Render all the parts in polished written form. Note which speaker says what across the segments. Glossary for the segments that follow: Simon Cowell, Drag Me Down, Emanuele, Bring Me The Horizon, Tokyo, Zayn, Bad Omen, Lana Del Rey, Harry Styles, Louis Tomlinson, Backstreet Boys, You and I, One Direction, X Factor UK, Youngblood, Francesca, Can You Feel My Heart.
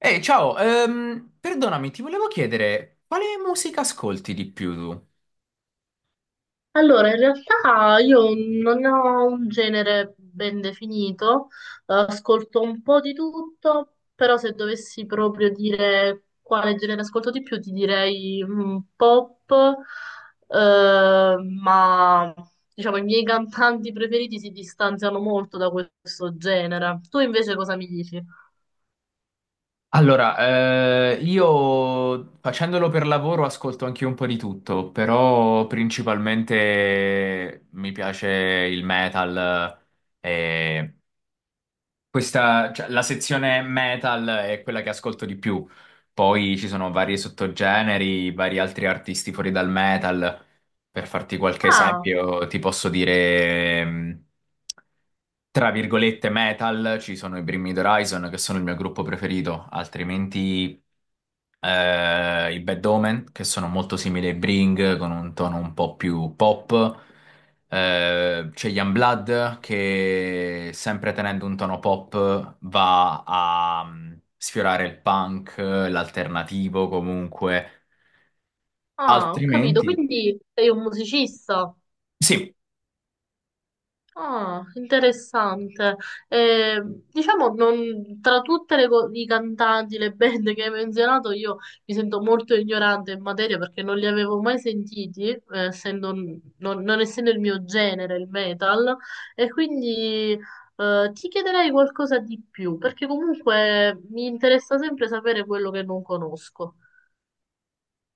Speaker 1: Ehi, ciao, perdonami, ti volevo chiedere quale musica ascolti di più tu?
Speaker 2: Allora, in realtà io non ho un genere ben definito, ascolto un po' di tutto, però se dovessi proprio dire quale genere ascolto di più, ti direi pop, eh, ma diciamo i miei cantanti preferiti si distanziano molto da questo genere. Tu invece cosa mi dici?
Speaker 1: Allora, io facendolo per lavoro ascolto anche un po' di tutto, però principalmente mi piace il metal, eh, e questa, cioè, la sezione metal è quella che ascolto di più. Poi ci sono vari sottogeneri, vari altri artisti fuori dal metal. Per farti qualche, beh,
Speaker 2: Ah,
Speaker 1: esempio, ti posso dire, tra virgolette, metal, ci sono i Bring Me The Horizon, che sono il mio gruppo preferito. Altrimenti i Bad Omen, che sono molto simili ai Bring, con un tono un po' più pop. C'è Youngblood che, sempre tenendo un tono pop, va a sfiorare il punk, l'alternativo comunque.
Speaker 2: ah, ho capito,
Speaker 1: Altrimenti,
Speaker 2: quindi sei un musicista.
Speaker 1: sì,
Speaker 2: Ah, interessante. Eh, diciamo, tra tutte le, i cantanti, le band che hai menzionato, io mi sento molto ignorante in materia perché non li avevo mai sentiti, non essendo il mio genere, il metal, e quindi ti chiederei qualcosa di più, perché comunque mi interessa sempre sapere quello che non conosco.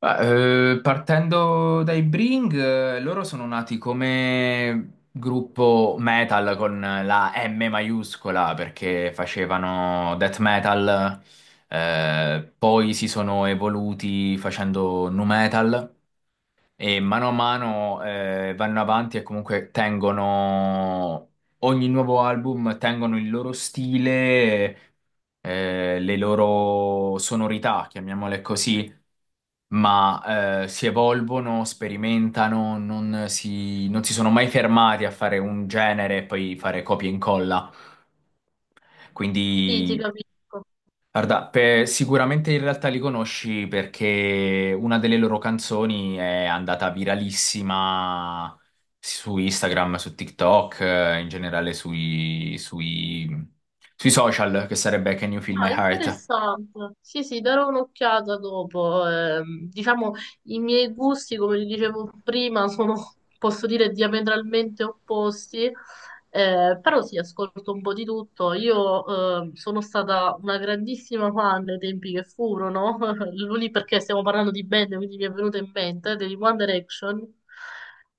Speaker 1: partendo dai Bring, loro sono nati come gruppo metal con la M maiuscola, perché facevano death metal, poi si sono evoluti facendo nu metal. E mano a mano vanno avanti e comunque tengono, ogni nuovo album, tengono il loro stile, le loro sonorità, chiamiamole così, ma si evolvono, sperimentano, non si sono mai fermati a fare un genere e poi fare copia e incolla.
Speaker 2: Sì, ti
Speaker 1: Quindi.
Speaker 2: capisco.
Speaker 1: Guarda, sicuramente in realtà li conosci, perché una delle loro canzoni è andata viralissima su Instagram, su TikTok, in generale sui social, che sarebbe Can You Feel My
Speaker 2: Ah,
Speaker 1: Heart?
Speaker 2: interessante. Sì, sì, darò un'occhiata dopo. Diciamo, i miei gusti, come ti dicevo prima, sono, posso dire, diametralmente opposti, però sì, ascolto un po' di tutto. Io sono stata una grandissima fan dei tempi che furono, lì perché stiamo parlando di band, quindi mi è venuto in mente, degli One Direction.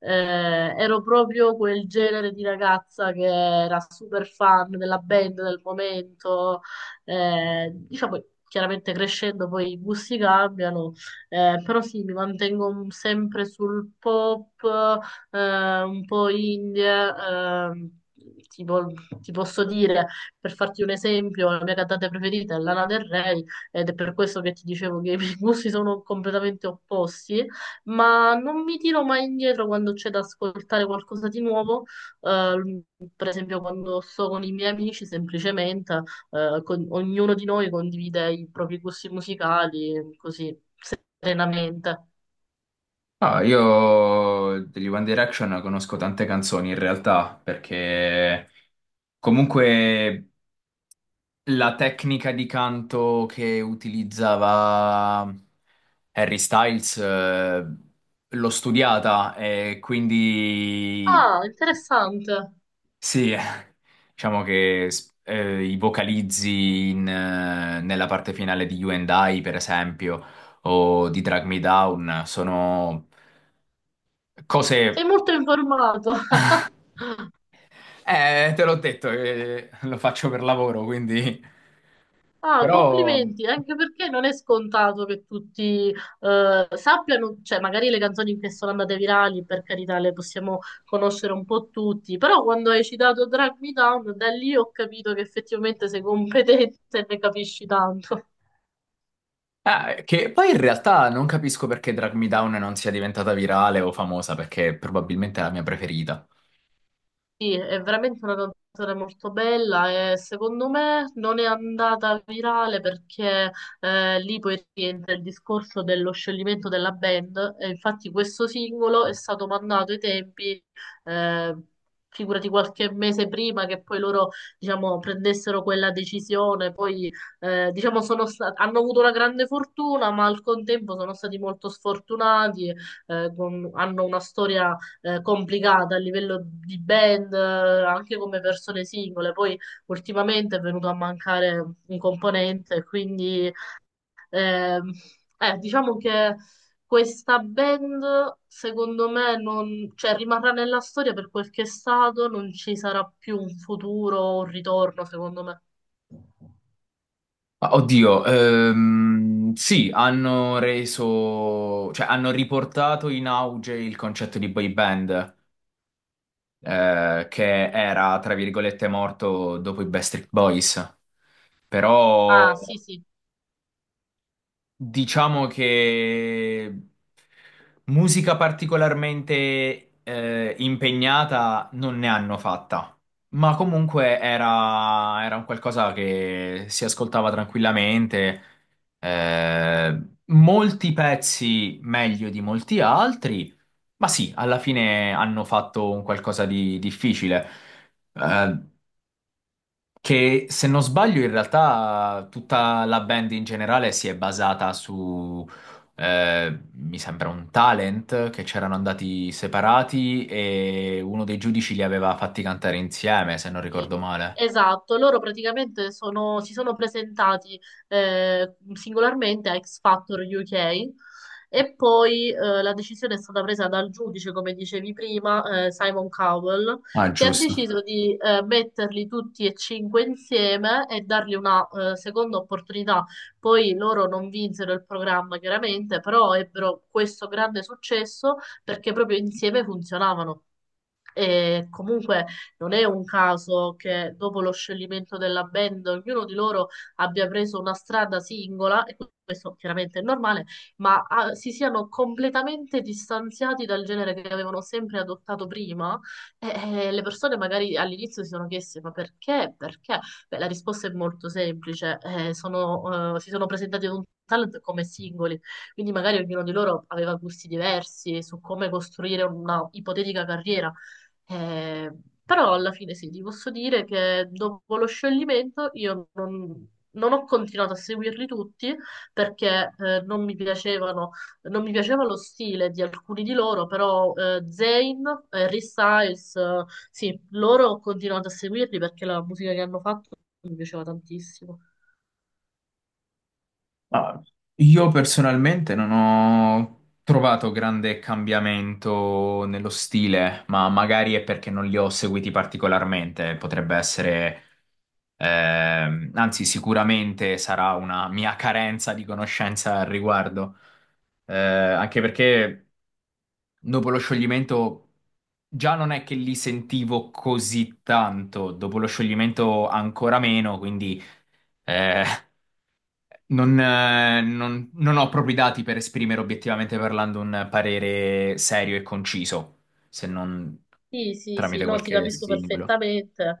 Speaker 2: Eh, Ero proprio quel genere di ragazza che era super fan della band del momento diciamo, chiaramente crescendo poi i gusti cambiano, però sì, mi mantengo sempre sul pop, un po' indie. ehm, Tipo, ti posso dire, per farti un esempio, la mia cantante preferita è Lana Del Rey ed è per questo che ti dicevo che i miei gusti sono completamente opposti, ma non mi tiro mai indietro quando c'è da ascoltare qualcosa di nuovo, eh, per esempio quando sto con i miei amici semplicemente ognuno di noi condivide i propri gusti musicali, così, serenamente.
Speaker 1: Ah, io degli One Direction conosco tante canzoni in realtà, perché comunque la tecnica di canto che utilizzava Harry Styles, l'ho studiata, e quindi
Speaker 2: Ah, interessante.
Speaker 1: sì, diciamo che i vocalizzi in, nella parte finale di You and I, per esempio, o di Drag Me Down, sono cose...
Speaker 2: Sei molto informato.
Speaker 1: Te l'ho detto, lo faccio per lavoro, quindi...
Speaker 2: Ah,
Speaker 1: Però...
Speaker 2: complimenti, anche perché non è scontato che tutti sappiano, cioè magari le canzoni che sono andate virali, per carità, le possiamo conoscere un po' tutti, però quando hai citato Drag Me Down, da lì ho capito che effettivamente sei competente e ne capisci tanto.
Speaker 1: Che poi in realtà non capisco perché Drag Me Down non sia diventata virale o famosa, perché probabilmente è la mia preferita.
Speaker 2: Sì, è veramente una canzone molto bella e secondo me non è andata virale perché lì poi rientra il discorso dello scioglimento della band e infatti questo singolo è stato mandato ai tempi, eh, figurati qualche mese prima che poi loro diciamo, prendessero quella decisione, poi diciamo, hanno avuto una grande fortuna ma al contempo sono stati molto sfortunati, hanno una storia complicata a livello di band, anche come persone singole. Poi ultimamente è venuto a mancare un componente, quindi ehm, diciamo che questa band, secondo me, non, cioè, rimarrà nella storia per quel che è stato, non ci sarà più un futuro o un ritorno, secondo me.
Speaker 1: Ma oddio, sì, hanno reso, cioè hanno riportato in auge il concetto di boy band, che era, tra virgolette, morto dopo i Backstreet Boys. Però
Speaker 2: Ah, sì, sì.
Speaker 1: diciamo che musica particolarmente impegnata non ne hanno fatta, ma comunque era un qualcosa che si ascoltava tranquillamente. Eh, molti pezzi meglio di molti altri, ma sì, alla fine hanno fatto un qualcosa di difficile. Eh, che se non sbaglio, in realtà tutta la band in generale si è basata su, mi sembra, un talent che c'erano andati separati e uno dei giudici li aveva fatti cantare insieme, se non
Speaker 2: Sì,
Speaker 1: ricordo male.
Speaker 2: esatto, loro praticamente si sono presentati singolarmente a X Factor UK e poi la decisione è stata presa dal giudice, come dicevi prima, Simon Cowell,
Speaker 1: Ah,
Speaker 2: che ha
Speaker 1: giusto.
Speaker 2: deciso di metterli tutti e cinque insieme e dargli una seconda opportunità. Poi loro non vinsero il programma, chiaramente, però ebbero questo grande successo perché proprio insieme funzionavano. E comunque non è un caso che dopo lo scioglimento della band ognuno di loro abbia preso una strada singola, e questo chiaramente è normale, ma si siano completamente distanziati dal genere che avevano sempre adottato prima. E le persone magari all'inizio si sono chieste: ma perché? Perché? Beh, la risposta è molto semplice. Si sono presentati ad un talent come singoli, quindi magari ognuno di loro aveva gusti diversi su come costruire una ipotetica carriera. Eh, Però alla fine sì, ti posso dire che dopo lo scioglimento io non ho continuato a seguirli tutti perché non mi piacevano, non mi piaceva lo stile di alcuni di loro, però Zayn, Harry Styles, sì, loro ho continuato a seguirli perché la musica che hanno fatto mi piaceva tantissimo.
Speaker 1: Ah, io personalmente non ho trovato grande cambiamento nello stile, ma magari è perché non li ho seguiti particolarmente. Potrebbe essere, anzi, sicuramente sarà una mia carenza di conoscenza al riguardo. Anche perché dopo lo scioglimento già non è che li sentivo così tanto, dopo lo scioglimento ancora meno, quindi. Eh, non ho proprio i dati per esprimere, obiettivamente parlando, un parere serio e conciso, se non
Speaker 2: Sì, sì, sì,
Speaker 1: tramite
Speaker 2: no, ti
Speaker 1: qualche
Speaker 2: capisco
Speaker 1: stimolo.
Speaker 2: perfettamente.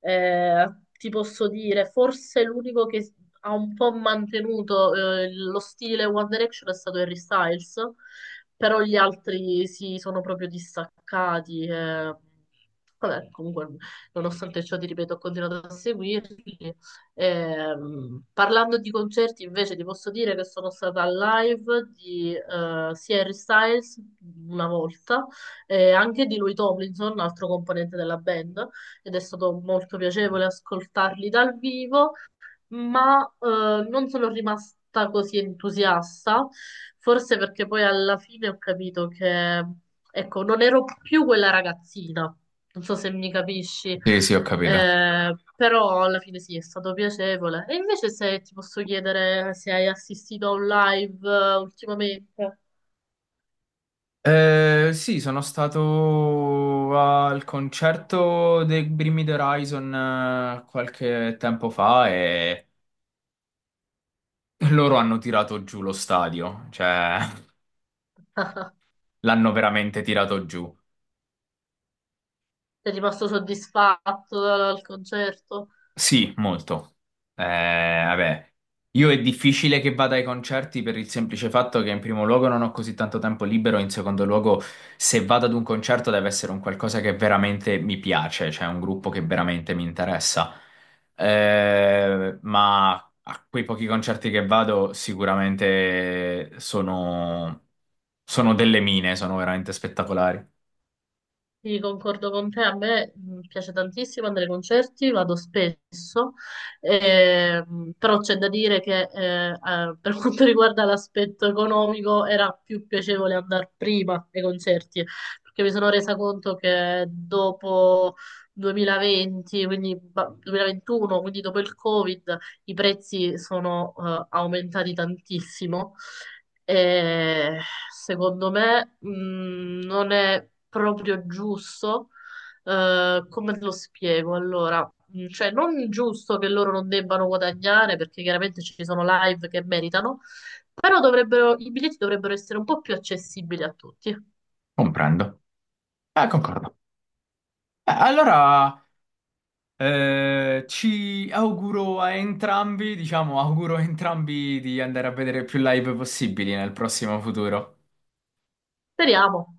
Speaker 2: Eh, Ti posso dire, forse l'unico che ha un po' mantenuto lo stile One Direction è stato Harry Styles, però gli altri si sono proprio distaccati. Vabbè, comunque, nonostante ciò, ti ripeto, ho continuato a seguirli. Parlando di concerti, invece, ti posso dire che sono stata al live di sia Harry Styles una volta, e anche di Louis Tomlinson, un altro componente della band ed è stato molto piacevole ascoltarli dal vivo, ma non sono rimasta così entusiasta, forse perché poi alla fine ho capito che, ecco, non ero più quella ragazzina, non so se mi capisci,
Speaker 1: Sì, sì, ho capito.
Speaker 2: però alla fine sì, è stato piacevole. E invece se ti posso chiedere se hai assistito a un live ultimamente,
Speaker 1: Sì, sono stato al concerto dei Bring Me the Horizon qualche tempo fa, e loro hanno tirato giù lo stadio, cioè l'hanno veramente tirato giù.
Speaker 2: sei rimasto soddisfatto dal concerto?
Speaker 1: Sì, molto. Eh, vabbè, io è difficile che vada ai concerti, per il semplice fatto che in primo luogo non ho così tanto tempo libero, in secondo luogo se vado ad un concerto deve essere un qualcosa che veramente mi piace, cioè un gruppo che veramente mi interessa. Ma a quei pochi concerti che vado sicuramente sono delle mine, sono veramente spettacolari.
Speaker 2: Sì, concordo con te, a me piace tantissimo andare ai concerti, vado spesso, però c'è da dire che per quanto riguarda l'aspetto economico era più piacevole andare prima ai concerti, perché mi sono resa conto che dopo 2020, quindi 2021, quindi dopo il Covid, i prezzi sono aumentati tantissimo e secondo me, non è proprio giusto. Come te lo spiego? Allora, cioè, non giusto che loro non debbano guadagnare perché chiaramente ci sono live che meritano, però dovrebbero, i biglietti dovrebbero essere un po' più accessibili a tutti.
Speaker 1: Comprendo. Concordo. Allora... ci auguro a entrambi, diciamo, auguro a entrambi di andare a vedere più live possibili nel prossimo futuro.
Speaker 2: Speriamo.